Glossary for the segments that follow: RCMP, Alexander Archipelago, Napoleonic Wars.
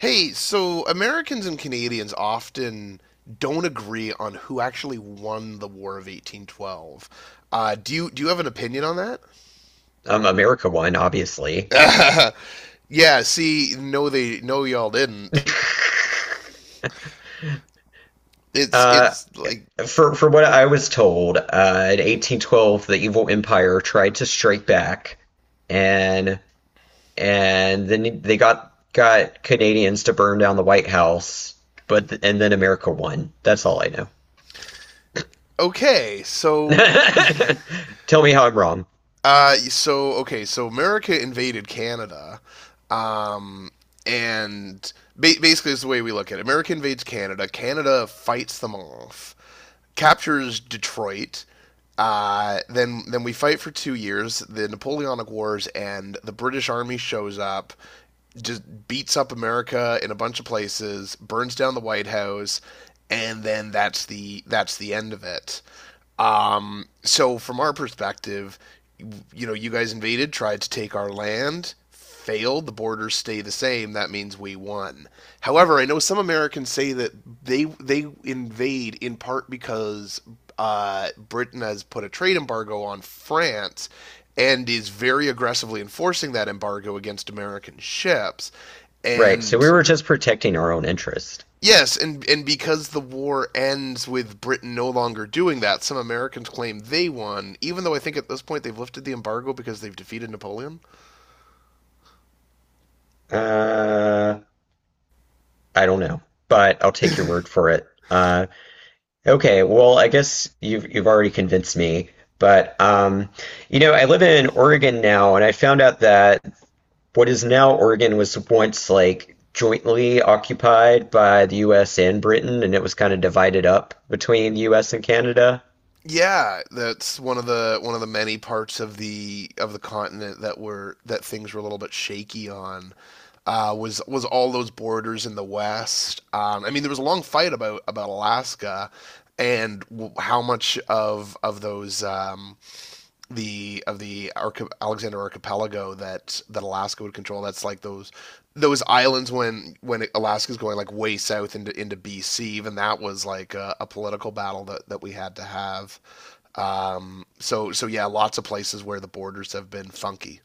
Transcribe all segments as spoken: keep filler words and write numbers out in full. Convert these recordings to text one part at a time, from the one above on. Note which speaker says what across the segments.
Speaker 1: Hey, so Americans and Canadians often don't agree on who actually won the War of eighteen twelve. Uh, do you do you have an opinion on
Speaker 2: um, America won, obviously.
Speaker 1: that? Yeah, see, no they no y'all didn't. It's
Speaker 2: Uh,
Speaker 1: it's like
Speaker 2: for for what I was told, uh, in eighteen twelve, the evil empire tried to strike back, and and then they got got Canadians to burn down the White House, but and then America won. That's all I know.
Speaker 1: okay, so
Speaker 2: Tell me how I'm wrong.
Speaker 1: uh so okay, so America invaded Canada. Um and ba basically it's the way we look at it. America invades Canada, Canada fights them off, captures Detroit. Uh, then then we fight for two years. The Napoleonic Wars and the British Army shows up, just beats up America in a bunch of places, burns down the White House, and then that's the that's the end of it. Um, so from our perspective, you know, you guys invaded, tried to take our land, failed. The borders stay the same. That means we won. However, I know some Americans say that they they invade in part because uh, Britain has put a trade embargo on France and is very aggressively enforcing that embargo against American ships.
Speaker 2: Right, so we
Speaker 1: And
Speaker 2: were just protecting our own interest.
Speaker 1: yes, and and because the war ends with Britain no longer doing that, some Americans claim they won, even though I think at this point they've lifted the embargo because they've defeated Napoleon.
Speaker 2: Uh, I don't know, but I'll take your word for it. Uh, Okay, well, I guess you've you've already convinced me, but um, you know, I live in Oregon now, and I found out that what is now Oregon was once like jointly occupied by the U S and Britain, and it was kind of divided up between the U S and Canada.
Speaker 1: Yeah, that's one of the one of the many parts of the of the continent that were that things were a little bit shaky on. Uh, was was all those borders in the west? Um, I mean, there was a long fight about about Alaska, and how much of of those um, the of the Arch- Alexander Archipelago that that Alaska would control. That's like those those islands when when Alaska's going like way south into into B C. Even that was like a, a political battle that that we had to have. Um, so so yeah, lots of places where the borders have been funky.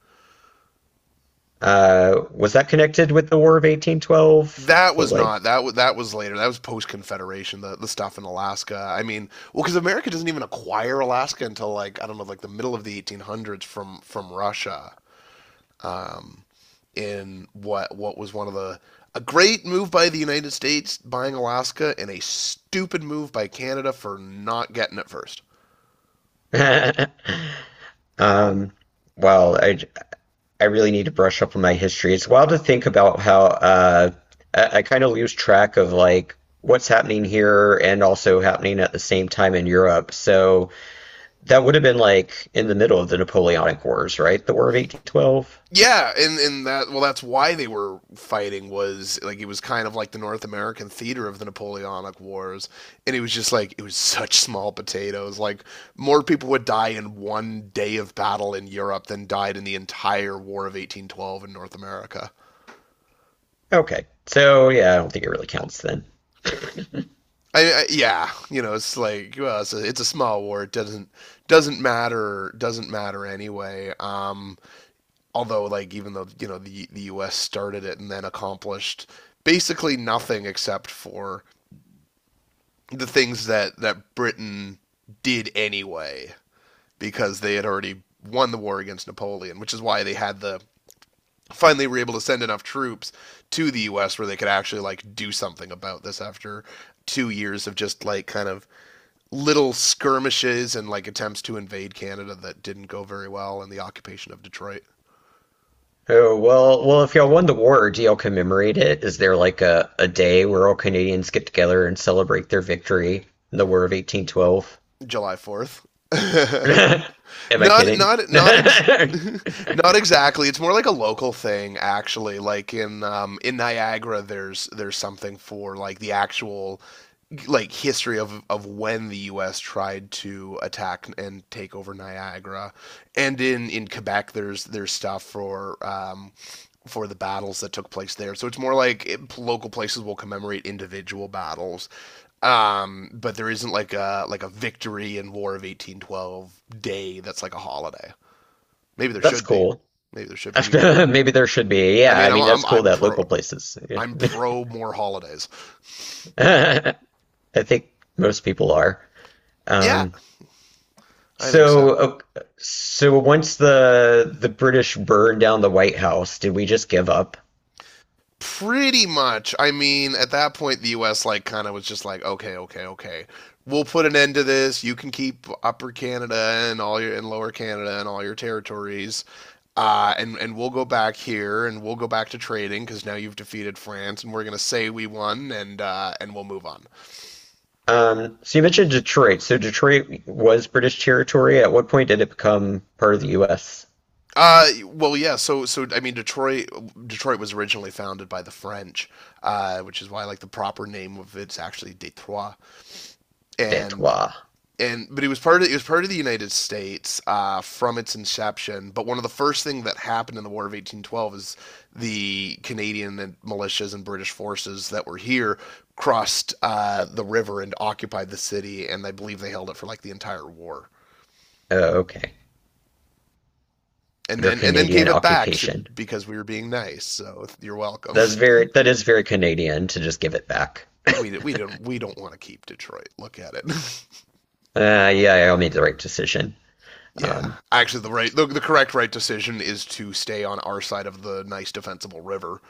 Speaker 2: Uh, was that connected with the War of eighteen twelve?
Speaker 1: That
Speaker 2: The
Speaker 1: was
Speaker 2: like,
Speaker 1: not. That was that was later. That was post Confederation. The the stuff in Alaska. I mean, well, because America doesn't even acquire Alaska until like I don't know, like the middle of the eighteen hundreds from from Russia. Um, in what what was one of the, a great move by the United States buying Alaska, and a stupid move by Canada for not getting it first.
Speaker 2: um, well, I, I really need to brush up on my history. It's wild to think about how uh, I, I kind of lose track of like what's happening here and also happening at the same time in Europe. So that would have been like in the middle of the Napoleonic Wars, right? The War of eighteen twelve.
Speaker 1: Yeah, and and that well that's why they were fighting, was like it was kind of like the North American theater of the Napoleonic Wars, and it was just like it was such small potatoes, like more people would die in one day of battle in Europe than died in the entire War of eighteen twelve in North America.
Speaker 2: Okay. So yeah, I don't think it really counts then.
Speaker 1: I, I Yeah, you know, it's like, well, it's a it's a small war. It doesn't doesn't matter, doesn't matter anyway. Um, although, like, even though you know the the U S started it and then accomplished basically nothing except for the things that that Britain did anyway, because they had already won the war against Napoleon, which is why they had the finally were able to send enough troops to the U S where they could actually like do something about this after two years of just like kind of little skirmishes and like attempts to invade Canada that didn't go very well, and the occupation of Detroit.
Speaker 2: Oh, well, well, if y'all won the war, do y'all commemorate it? Is there like a, a day where all Canadians get together and celebrate their victory in the War of eighteen twelve?
Speaker 1: July fourth.
Speaker 2: Am I
Speaker 1: not
Speaker 2: kidding?
Speaker 1: not not ex- Not exactly. It's more like a local thing, actually. Like in um in Niagara, there's there's something for like the actual like history of of when the U S tried to attack and take over Niagara. And in in Quebec, there's there's stuff for um for the battles that took place there. So it's more like, it, local places will commemorate individual battles, um, but there isn't like a like a victory in War of eighteen twelve day that's like a holiday. Maybe there
Speaker 2: That's
Speaker 1: should be.
Speaker 2: cool.
Speaker 1: Maybe there should be. We,
Speaker 2: Maybe there should be.
Speaker 1: I
Speaker 2: Yeah, I
Speaker 1: mean, I'm
Speaker 2: mean that's
Speaker 1: I'm,
Speaker 2: cool
Speaker 1: I'm
Speaker 2: that
Speaker 1: pro
Speaker 2: local places. Yeah.
Speaker 1: I'm pro more holidays.
Speaker 2: I think most people are.
Speaker 1: Yeah,
Speaker 2: Um,
Speaker 1: I think so.
Speaker 2: so, ok- so once the the British burned down the White House, did we just give up?
Speaker 1: Pretty much. I mean, at that point, the U S like kind of was just like, okay, okay, okay. We'll put an end to this. You can keep Upper Canada and all your and Lower Canada and all your territories. Uh, and and we'll go back here, and we'll go back to trading because now you've defeated France, and we're gonna say we won, and uh, and we'll move on.
Speaker 2: Um, so you mentioned Detroit. So Detroit was British territory. At what point did it become part of the U S?
Speaker 1: Uh, well, yeah. So so I mean, Detroit Detroit was originally founded by the French, uh, which is why like the proper name of it's actually Detroit. And
Speaker 2: Detroit.
Speaker 1: and but it was part of it was part of the United States, uh, from its inception. But one of the first things that happened in the War of eighteen twelve is the Canadian and militias and British forces that were here crossed uh, the river and occupied the city, and I believe they held it for like the entire war.
Speaker 2: Oh, okay.
Speaker 1: And
Speaker 2: Under
Speaker 1: then and then gave
Speaker 2: Canadian
Speaker 1: it back, to
Speaker 2: occupation.
Speaker 1: because we were being nice. So you're welcome.
Speaker 2: That's very that is very Canadian to just give it back.
Speaker 1: We we don't we don't want to keep Detroit. Look at it.
Speaker 2: Uh, yeah, I made the right decision.
Speaker 1: Yeah,
Speaker 2: Um,
Speaker 1: actually, the right the, the correct right decision is to stay on our side of the nice defensible river,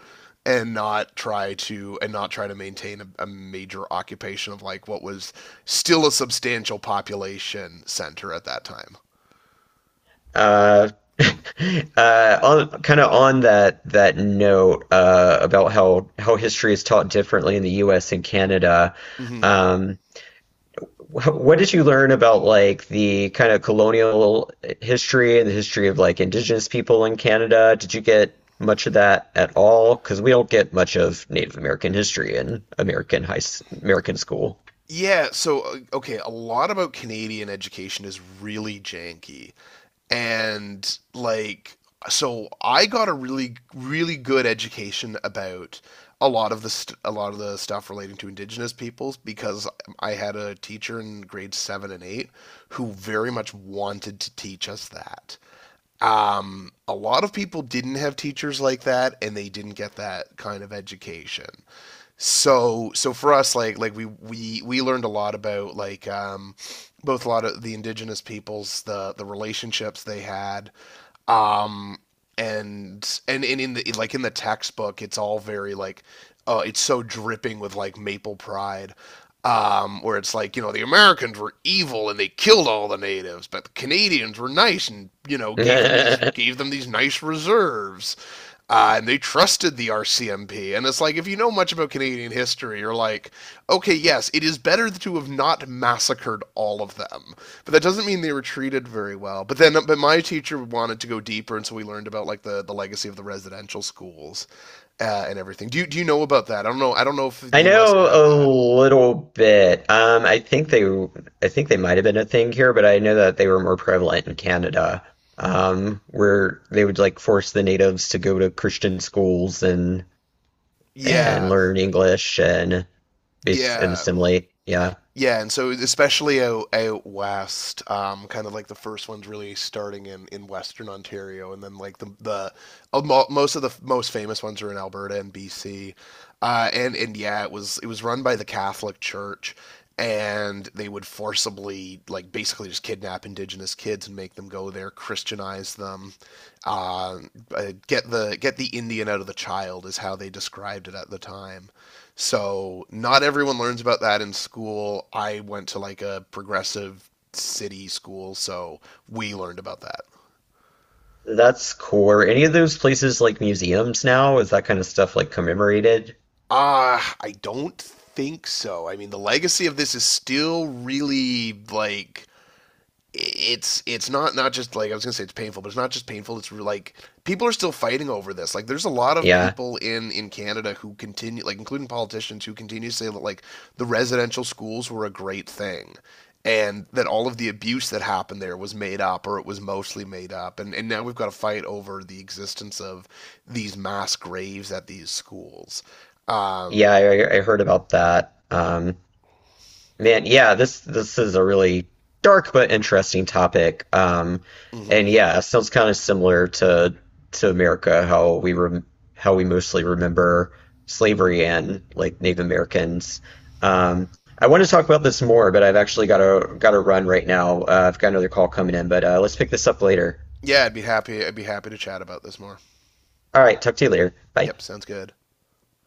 Speaker 1: and not try to and not try to maintain a, a major occupation of like what was still a substantial population center at that time.
Speaker 2: uh, uh, on kind of on that that note uh, about how how history is taught differently in the U S and Canada.
Speaker 1: Mm-hmm.
Speaker 2: Um, wh What did you learn about like the kind of colonial history and the history of like Indigenous people in Canada? Did you get much of that at all? Because we don't get much of Native American history in American high s- American school.
Speaker 1: Yeah, so uh, okay, a lot about Canadian education is really janky. And like, so I got a really really good education about a lot of the st- a lot of the stuff relating to indigenous peoples because I had a teacher in grade seven and eight who very much wanted to teach us that. Um, a lot of people didn't have teachers like that, and they didn't get that kind of education. So, so for us, like, like we we we learned a lot about like um, both a lot of the indigenous peoples, the the relationships they had, um and and, and in the like in the textbook it's all very like, uh, it's so dripping with like maple pride, um, where it's like you know the Americans were evil and they killed all the natives, but the Canadians were nice and you know gave them these
Speaker 2: I
Speaker 1: gave them these nice reserves, uh, and they trusted the R C M P. And it's like if you know much about Canadian history, you're like, okay, yes, it is better to have not massacred all of them. But that doesn't mean they were treated very well. But then, but my teacher wanted to go deeper, and so we learned about like the, the legacy of the residential schools, uh, and everything. Do you do you know about that? I don't know. I don't know if the U S
Speaker 2: know
Speaker 1: had
Speaker 2: a
Speaker 1: that.
Speaker 2: little bit. Um, I think they, I think they might have been a thing here, but I know that they were more prevalent in Canada, um, where they would like force the natives to go to Christian schools and and
Speaker 1: Yeah,
Speaker 2: learn English and bas and
Speaker 1: yeah.
Speaker 2: assimilate. Yeah.
Speaker 1: Yeah, and so especially out, out west, um, kind of like the first ones really starting in, in Western Ontario, and then like the the uh, mo- most of the f- most famous ones are in Alberta and B C, uh, and and yeah, it was it was run by the Catholic Church, and they would forcibly like basically just kidnap Indigenous kids and make them go there, Christianize them, uh, uh, get the get the Indian out of the child is how they described it at the time. So not everyone learns about that in school. I went to like a progressive city school, so we learned about that.
Speaker 2: That's cool. Are any of those places like museums now? Is that kind of stuff like commemorated?
Speaker 1: Ah, Uh, I don't think so. I mean, the legacy of this is still really like it's it's not not just, like, I was gonna say it's painful, but it's not just painful. It's like people are still fighting over this. Like there's a lot of
Speaker 2: Yeah.
Speaker 1: people in in Canada who continue, like including politicians, who continue to say that like the residential schools were a great thing, and that all of the abuse that happened there was made up, or it was mostly made up. And and now we've got to fight over the existence of these mass graves at these schools. Um,
Speaker 2: Yeah, I, I heard about that. Um, man, yeah, this this is a really dark but interesting topic. Um,
Speaker 1: mhm.
Speaker 2: and yeah, it sounds kind of similar to to America, how we rem how we mostly remember slavery and like Native Americans. Um, I want to talk about this more, but I've actually got to got to run right now. Uh, I've got another call coming in, but uh, let's pick this up later.
Speaker 1: Yeah, I'd be happy. I'd be happy to chat about this more.
Speaker 2: All right, talk to you later. Bye.
Speaker 1: Yep, sounds good.